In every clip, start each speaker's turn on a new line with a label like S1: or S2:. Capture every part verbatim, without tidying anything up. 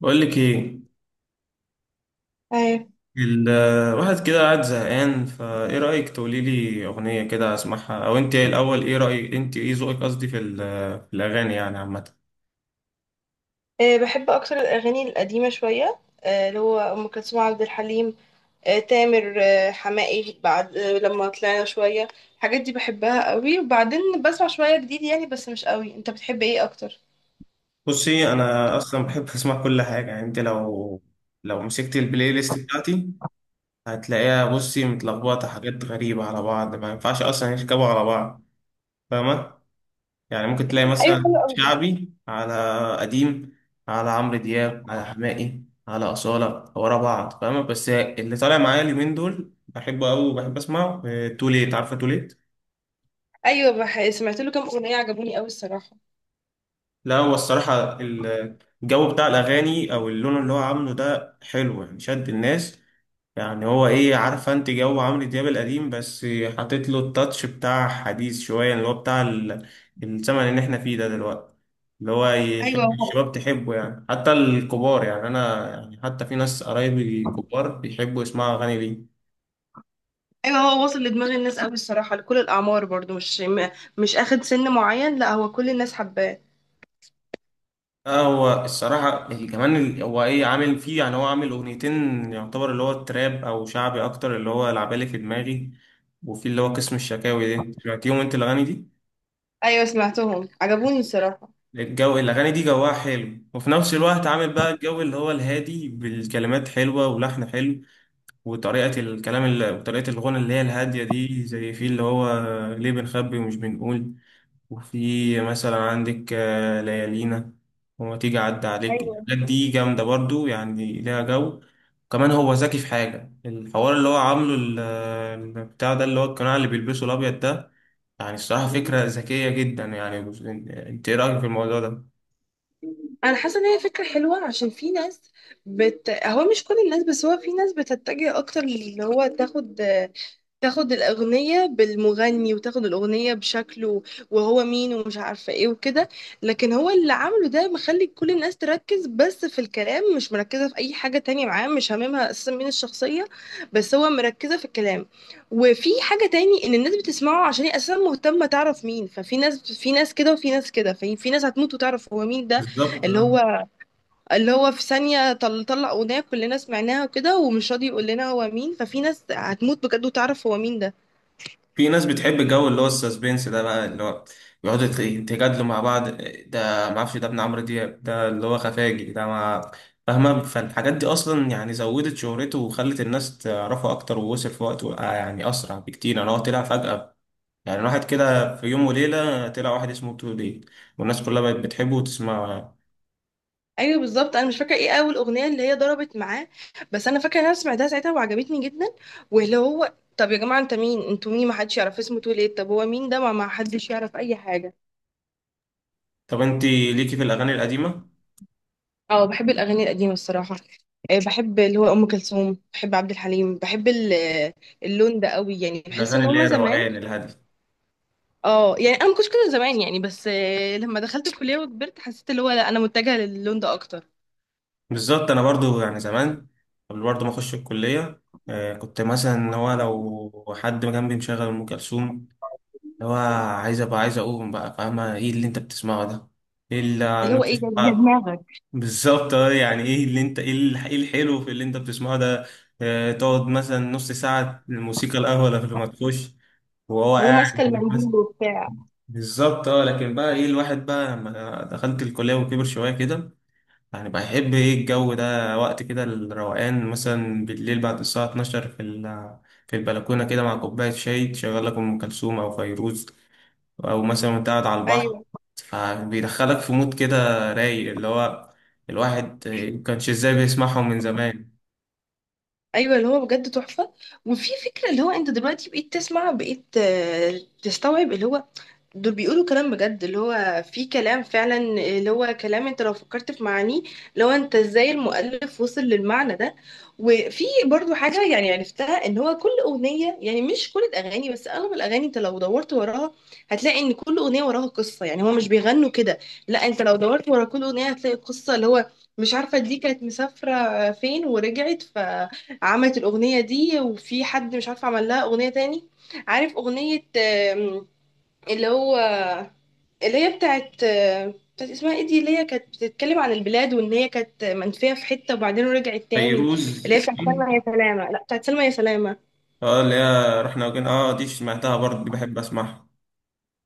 S1: بقول لك ايه؟
S2: أيوة.
S1: الواحد كده قاعد زهقان، فايه رأيك؟ تقولي لي اغنية كده اسمعها. او انت إيه الاول، ايه رأيك؟ انت ايه ذوقك قصدي في ال- في الاغاني يعني عامة.
S2: أه بحب أكتر الأغاني القديمة شوية، أه اللي هو أم كلثوم، عبد الحليم، أه تامر، أه حماقي، بعد أه لما طلعنا شوية. الحاجات دي بحبها قوي، وبعدين بسمع شوية جديد يعني، بس مش قوي. أنت بتحب إيه أكتر؟
S1: بصي، انا اصلا بحب اسمع كل حاجة. يعني انت لو لو مسكت البلاي ليست بتاعتي هتلاقيها، بصي، متلخبطة، حاجات غريبة على بعض ما ينفعش اصلا يركبوا على بعض، فاهمة؟ يعني ممكن تلاقي
S2: ايوه حلو
S1: مثلا
S2: قوي.
S1: شعبي على قديم، على عمرو دياب، على حماقي، على أصالة ورا بعض فاهمة. بس اللي طالع معايا اليومين دول بحبه أوي وبحب أسمعه آه، توليت، عارفة توليت؟
S2: أيوة، بح... سمعت له كام أغنية عجبوني قوي الصراحة.
S1: لا هو الصراحة الجو بتاع الأغاني أو اللون اللي هو عامله ده حلو، يعني شد الناس. يعني هو ايه عارفه؟ انت جو عمرو دياب القديم بس حاطط له التاتش بتاع حديث شويه، اللي هو بتاع ال- الزمن اللي احنا فيه ده دلوقتي، اللي هو
S2: أيوة
S1: يحب
S2: هو.
S1: الشباب تحبه، يعني حتى الكبار. يعني انا يعني حتى في ناس قرايبي كبار بيحبوا يسمعوا اغاني ليه.
S2: أيوة هو واصل لدماغ الناس قوي الصراحة، لكل الأعمار برضو، مش م- مش أخد سن معين، لا هو كل الناس حباه.
S1: اه هو الصراحة ال- كمان ال- هو ايه عامل فيه، يعني هو عامل اغنيتين، يعتبر اللي هو التراب او شعبي اكتر، اللي هو لعبالي في دماغي، وفي اللي هو قسم الشكاوي ده. سمعتيهم انت الاغاني دي؟
S2: أيوة سمعتهم عجبوني الصراحة.
S1: الجو الأغاني دي جواها حلو، وفي نفس الوقت عامل بقى الجو اللي هو الهادي، بالكلمات حلوة ولحن حلو وطريقة الكلام، اللي وطريقة الغنى اللي هي الهادية دي، زي في اللي هو ليه بنخبي ومش بنقول. وفي مثلا عندك آه، ليالينا، وما تيجي أعدي عليك.
S2: أيوة.
S1: الحاجات دي جامدة برضو، يعني ليها جو. كمان هو ذكي في حاجة الحوار اللي هو عامله ال- البتاع ده، اللي هو القناع اللي بيلبسه الأبيض ده. يعني الصراحة فكرة ذكية جدا يعني. انت ايه رأيك في الموضوع ده؟
S2: انا حاسه ان هي فكره حلوه عشان في ناس، بت... هو مش كل الناس، بس هو في ناس بتتجه اكتر اللي هو تاخد، تاخد الأغنية بالمغني، وتاخد الأغنية بشكله، وهو مين ومش عارفة ايه وكده. لكن هو اللي عامله ده مخلي كل الناس تركز بس في الكلام، مش مركزة في أي حاجة تانية معاه، مش هاممها أساسا مين الشخصية، بس هو مركزة في الكلام. وفي حاجة تاني، إن الناس بتسمعه عشان هي أساسا مهتمة تعرف مين. ففي ناس في ناس كده، وفي ناس كده، في في ناس هتموت وتعرف هو مين ده.
S1: بالظبط
S2: اللي
S1: اه.
S2: هو اللي هو في ثانية طل طلع أغنية كلنا سمعناها وكده، ومش راضي يقول لنا هو مين، ففي ناس هتموت بجد وتعرف هو مين ده.
S1: في ناس بتحب الجو اللي هو السسبنس ده بقى، اللي هو بيقعدوا يت- يتجادلوا مع بعض، ده ما اعرفش ده ابن عمرو دياب، ده اللي هو خفاجي، ده ما فاهمه. فالحاجات دي اصلا يعني زودت شهرته وخلت الناس تعرفه اكتر، ووصل في وقته آه، يعني اسرع بكتير. انا هو طلع فجأة، يعني الواحد كده في يوم وليله طلع واحد اسمه توليت والناس كلها بقت بتحبه وتسمعه يعني.
S2: ايوه بالظبط. انا مش فاكره ايه اول اغنيه اللي هي ضربت معاه، بس انا فاكره ان انا سمعتها ساعتها وعجبتني جدا. واللي هو طب يا جماعه انت مين؟ انتوا مين؟ ما حدش يعرف اسمه، تقول ايه؟ طب هو مين ده؟ ما ما حدش يعرف اي حاجه.
S1: طب انت ليكي في الاغاني القديمه؟
S2: اه بحب الاغاني القديمه الصراحه. آه، بحب اللي هو ام كلثوم، بحب عبد الحليم، بحب ال- آه، اللون ده قوي، يعني بحس
S1: الاغاني
S2: ان
S1: اللي
S2: هما
S1: هي
S2: زمان.
S1: الروقان الهاديه.
S2: اه يعني انا ما كنتش كده زمان يعني، بس آه، لما دخلت الكليه وكبرت، حسيت اللي هو لا، انا متجهه للون ده اكتر.
S1: بالظبط، انا برضو يعني زمان، قبل برضو ما اخش الكليه آه، كنت مثلا اللي هو لو حد جنبي مشغل ام كلثوم، اللي هو عايز ابقى، عايز اقوم بقى فاهمه، ايه اللي انت بتسمعه ده؟ ايه اللي
S2: اللي هو ايه
S1: النفس-
S2: يا يا
S1: آه،
S2: دماغك؟
S1: بالظبط. آه، يعني ايه اللي انت ايه الح- إيه الحلو في اللي انت بتسمعه ده؟ آه، تقعد مثلا نص ساعه الموسيقى الاول قبل ما تخش، وهو
S2: وماسكه
S1: قاعد بس-
S2: المنديل وبتاع.
S1: بالظبط اه. لكن بقى ايه، الواحد بقى لما دخلت الكليه وكبر شويه كده، يعني بحب ايه الجو ده وقت كده الروقان، مثلا بالليل بعد الساعة اتناشر في ال- في البلكونة كده مع كوباية شاي، تشغل لك أم كلثوم أو فيروز، أو مثلا وأنت قاعد على البحر،
S2: أيوه.
S1: فبيدخلك في مود كده رايق، اللي هو الواحد مكانش ازاي بيسمعهم من زمان.
S2: ايوه اللي هو بجد تحفه. وفي فكره، اللي هو انت دلوقتي بقيت تسمع، بقيت آه، تستوعب اللي هو دول بيقولوا كلام بجد. اللي هو في كلام فعلا، اللي هو كلام انت لو فكرت في معانيه، لو انت ازاي المؤلف وصل للمعنى ده. وفي برضو حاجه يعني عرفتها، ان هو كل اغنيه، يعني مش كل الاغاني بس اغلب الاغاني، انت لو دورت وراها هتلاقي ان كل اغنيه وراها قصه، يعني هو مش بيغنوا كده. لا انت لو دورت ورا كل اغنيه هتلاقي قصه. اللي هو مش عارفه، دي كانت مسافره فين ورجعت، ف عملت الأغنية دي. وفي حد مش عارفة عمل لها أغنية تاني. عارف أغنية آم، اللي هو، اللي هي بتاعت آم، بتاعت اسمها ايه دي، اللي هي كانت بتتكلم عن البلاد، وان هي كانت منفية في حتة وبعدين رجعت تاني.
S1: فيروز،
S2: اللي هي بتاعت سلمى يا سلامة. لا بتاعت سلمى يا سلامة.
S1: اه اللي هي رحنا وجينا، اه دي سمعتها برضه، دي بحب اسمعها.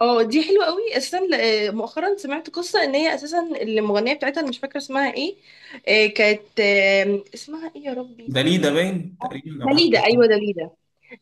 S2: اه دي حلوة قوي اساسا. ل- آه، مؤخرا سمعت قصة ان هي اساسا المغنية بتاعتها أنا مش فاكرة اسمها ايه. آه، كانت آم، اسمها ايه يا ربي؟
S1: ده ليه ده باين تقريبا أو حاجة.
S2: دليدة، ايوه دليدة.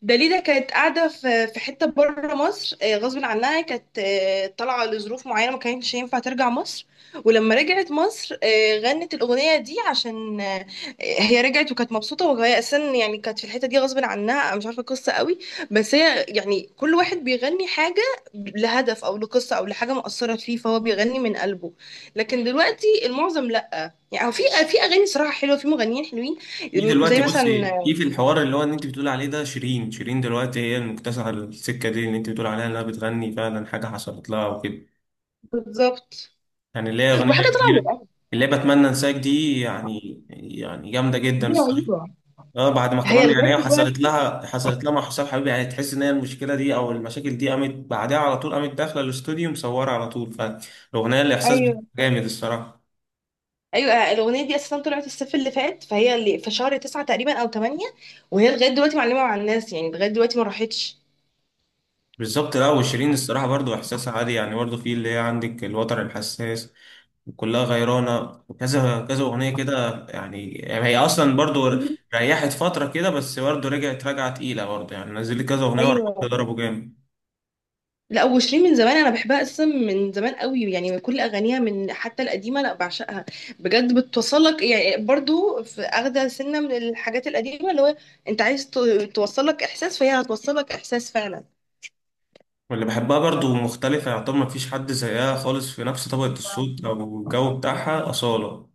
S2: داليدا كانت قاعدة في في حتة بره مصر آه، غصب عنها. كانت آه، طالعة لظروف معينة، ما كانتش ينفع ترجع مصر. ولما رجعت مصر آه، غنت الأغنية دي عشان آه، هي رجعت وكانت مبسوطة، وهي أساسا يعني كانت في الحتة دي غصب عنها. أنا مش عارفة القصة قوي، بس هي يعني كل واحد بيغني حاجة لهدف أو لقصة أو لحاجة مؤثرة فيه، فهو بيغني من قلبه. لكن دلوقتي المعظم لأ. يعني هو في، في أغاني صراحة حلوة، في مغنيين حلوين.
S1: في
S2: زي
S1: دلوقتي،
S2: مثلا.
S1: بصي، في في الحوار اللي هو ان انت بتقول عليه ده، شيرين. شيرين دلوقتي هي المكتسحه السكه دي اللي انت بتقول عليها انها بتغني فعلا حاجه حصلت لها وكده،
S2: بالظبط.
S1: يعني اللي هي
S2: وحاجة
S1: اغنيه كتير،
S2: طالعة.
S1: اللي هي بتمنى انساك دي، يعني يعني جامده جدا
S2: دي
S1: الصراحه.
S2: رهيبة.
S1: اه بعد ما
S2: هي
S1: كمان يعني
S2: لغاية
S1: هي حصلت
S2: دلوقتي.
S1: لها، حصلت لها مع حسام حبيبي، يعني تحس ان هي المشكله دي او المشاكل دي قامت بعدها على طول، قامت داخله الاستوديو مصوره على طول، فالاغنيه الاحساس
S2: أيوه.
S1: جامد الصراحه.
S2: أيوه الأغنية دي أساسا طلعت الصيف اللي فات، فهي اللي في شهر تسعة تقريبا أو تمانية، وهي لغاية دلوقتي معلمة مع الناس، يعني لغاية دلوقتي ما راحتش.
S1: بالظبط. لا وشيرين الصراحه برضو احساسها عالي، يعني برضو في اللي هي عندك الوتر الحساس، وكلها غيرانة، وكذا كذا أغنية كده يعني, يعني هي أصلا برضو ريحت فترة كده، بس برضو رجعت راجعة تقيلة برضو، يعني نزلت كذا أغنية ورا
S2: ايوه.
S1: بعض ضربوا جامد.
S2: لا وشيرين من زمان أنا بحبها أساسا، من زمان قوي يعني، من كل أغانيها، من حتى القديمة، لا بعشقها بجد. بتوصلك يعني، برضو في أخدة سنة من الحاجات القديمة اللي هو، أنت عايز ت- توصلك إحساس، فهي هتوصلك إحساس فعلا.
S1: واللي بحبها برضو مختلفة، يعتبر مفيش حد زيها خالص في نفس طبقة الصوت أو الجو بتاعها، أصالة.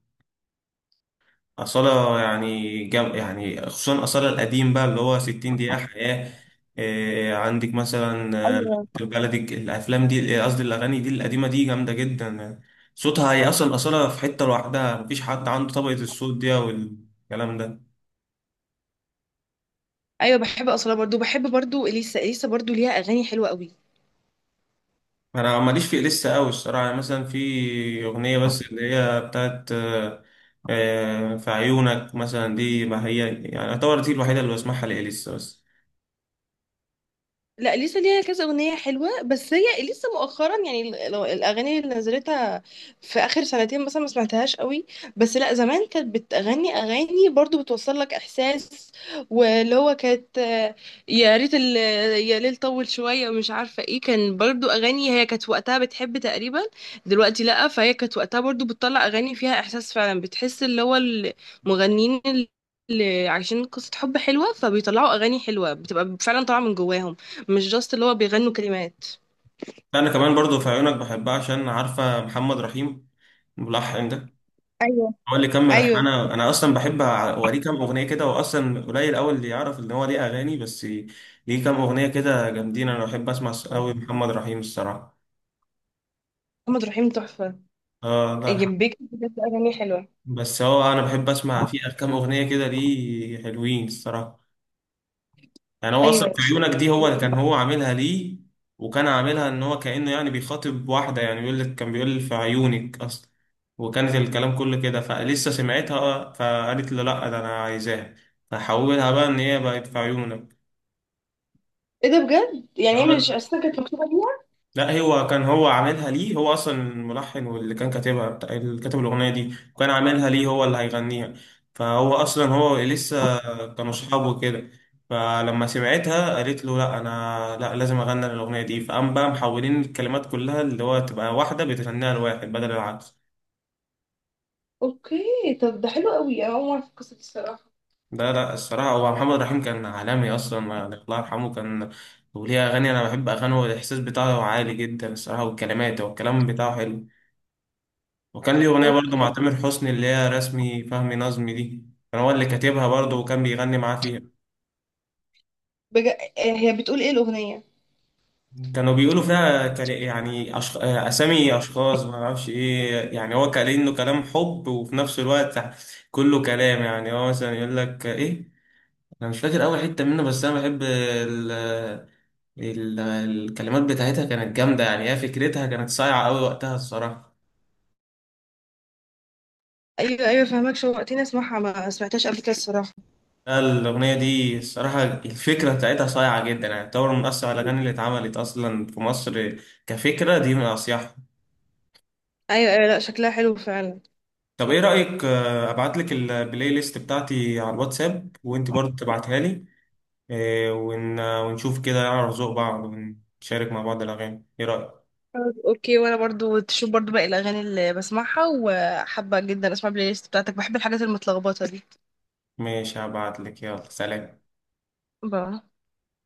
S1: أصالة يعني جم... يعني خصوصا أصالة القديم بقى، اللي هو 60 دقيقة حياة، إيه عندك مثلا آه،
S2: ايوه.
S1: البلدي، الأفلام دي آه، قصدي الأغاني دي القديمة دي جامدة جدا آه، صوتها، هي أصلا أصالة في حتة لوحدها، مفيش حد عنده طبقة الصوت دي والكلام ده.
S2: أيوه بحب أصلا برضو، بحب برضو إليسا. إليسا برضو ليها أغاني حلوة قوي.
S1: أنا ماليش في لسه أوي الصراحة، يعني مثلا في أغنية بس اللي هي بتاعت آه، آه، في عيونك مثلا دي، ما هي يعني أعتبر دي الوحيدة اللي بسمعها لإليسا بس.
S2: لا اليسا ليها كذا اغنيه حلوه، بس هي لسه مؤخرا يعني، ال- لو- الاغاني اللي نزلتها في اخر سنتين مثلا ما سمعتهاش قوي. بس لا زمان كانت بتغني اغاني برضو بتوصل لك احساس. واللي هو كانت آه، يا ريت ال- يا ليل طول شويه ومش عارفه ايه، كان برضو اغاني هي كانت وقتها بتحب تقريبا. دلوقتي لا. فهي كانت وقتها برضو بتطلع اغاني فيها احساس فعلا، بتحس اللي هو المغنيين اللي عايشين قصه حب حلوه فبيطلعوا اغاني حلوه بتبقى فعلا طالعه من جواهم، مش جاست اللي هو بيغنوا كلمات.
S1: انا كمان برضو في عيونك بحبها عشان عارفه محمد رحيم الملحن ده
S2: ايوه.
S1: هو اللي كمل ألحان.
S2: ايوه
S1: انا انا اصلا بحب اوريه كام اغنيه كده، واصلا قليل قوي اللي يعرف ان هو ليه اغاني، بس ليه كام اغنيه كده جامدين، انا بحب اسمع قوي محمد رحيم الصراحه.
S2: محمد رحيم تحفة.
S1: اه الله يرحمه.
S2: جنبك بجد أغاني حلوة.
S1: بس هو انا بحب اسمع فيه كام اغنيه كده ليه حلوين الصراحه. يعني هو اصلا
S2: أيوة.
S1: في عيونك دي هو كان هو عاملها ليه، وكان عاملها ان هو كأنه يعني بيخاطب واحدة، يعني بيقول لك كان بيقول في عيونك اصلا، وكانت الكلام كله كده، فلسه سمعتها فقالت له لا ده انا عايزاها، فحولها بقى ان هي بقت في عيونك.
S2: ايه ده بجد؟ يعني هي مش أصلا كانت مكتوبة ليها؟
S1: لا هو كان هو عاملها ليه، هو اصلا الملحن واللي كان كاتبها بتاع- اللي كاتب الاغنيه دي، وكان عاملها ليه هو اللي هيغنيها، فهو اصلا هو لسه، كانوا اصحاب وكده. فلما سمعتها قالت له لا، انا لا لازم اغني الاغنيه دي، فقام بقى محولين الكلمات كلها، اللي هو تبقى واحده بتغنيها لواحد بدل العكس.
S2: اوكي، طب ده حلو قوي. انا اول مرة في القصة دي الصراحة.
S1: ده لا الصراحه هو محمد رحيم كان عالمي اصلا، يعني الله يرحمه كان، وليه اغاني، انا بحب اغانيه والاحساس بتاعه عالي جدا الصراحه، والكلمات والكلام بتاعه حلو. وكان ليه أغنية برضه
S2: اوكي.
S1: مع تامر حسني اللي هي رسمي فهمي نظمي دي، كان هو اللي كاتبها برضه، وكان بيغني معاه فيها.
S2: بجد، آه، هي بتقول ايه الأغنية؟
S1: كانوا بيقولوا فيها كلا- يعني أشخ... آه، أسامي أشخاص ما أعرفش إيه، يعني هو كان إنه كلام حب، وفي نفس الوقت كله كلام، يعني هو مثلا يقول لك إيه، أنا مش فاكر أول حتة منه، بس أنا بحب ال... ال... الكلمات بتاعتها كانت جامدة، يعني هي فكرتها كانت صايعة أوي وقتها الصراحة.
S2: ايوه ايوه، فهمك شوقتني اسمعها، ما سمعتهاش قبل كده الصراحة.
S1: لا، الأغنية دي الصراحة الفكرة بتاعتها صايعة جدا، يعني تعتبر من أصعب الأغاني اللي اتعملت أصلا في مصر كفكرة، دي من أصيحها.
S2: ايوه ايوه، لا شكلها حلو فعلا.
S1: طب إيه رأيك آه، أبعت لك البلاي ليست بتاعتي على الواتساب، وأنت برضه تبعتها لي آه، ون- ونشوف كده نعرف ذوق بعض ونشارك مع بعض الأغاني، إيه رأيك؟
S2: طب، اوكي. وانا برضو تشوف برضو باقي الاغاني اللي بسمعها، وحابة جدا اسمع البلاي ليست بتاعتك، بحب الحاجات المتلخبطة دي.
S1: ماشي، هبعت لك. يلا سلام.
S2: بقى.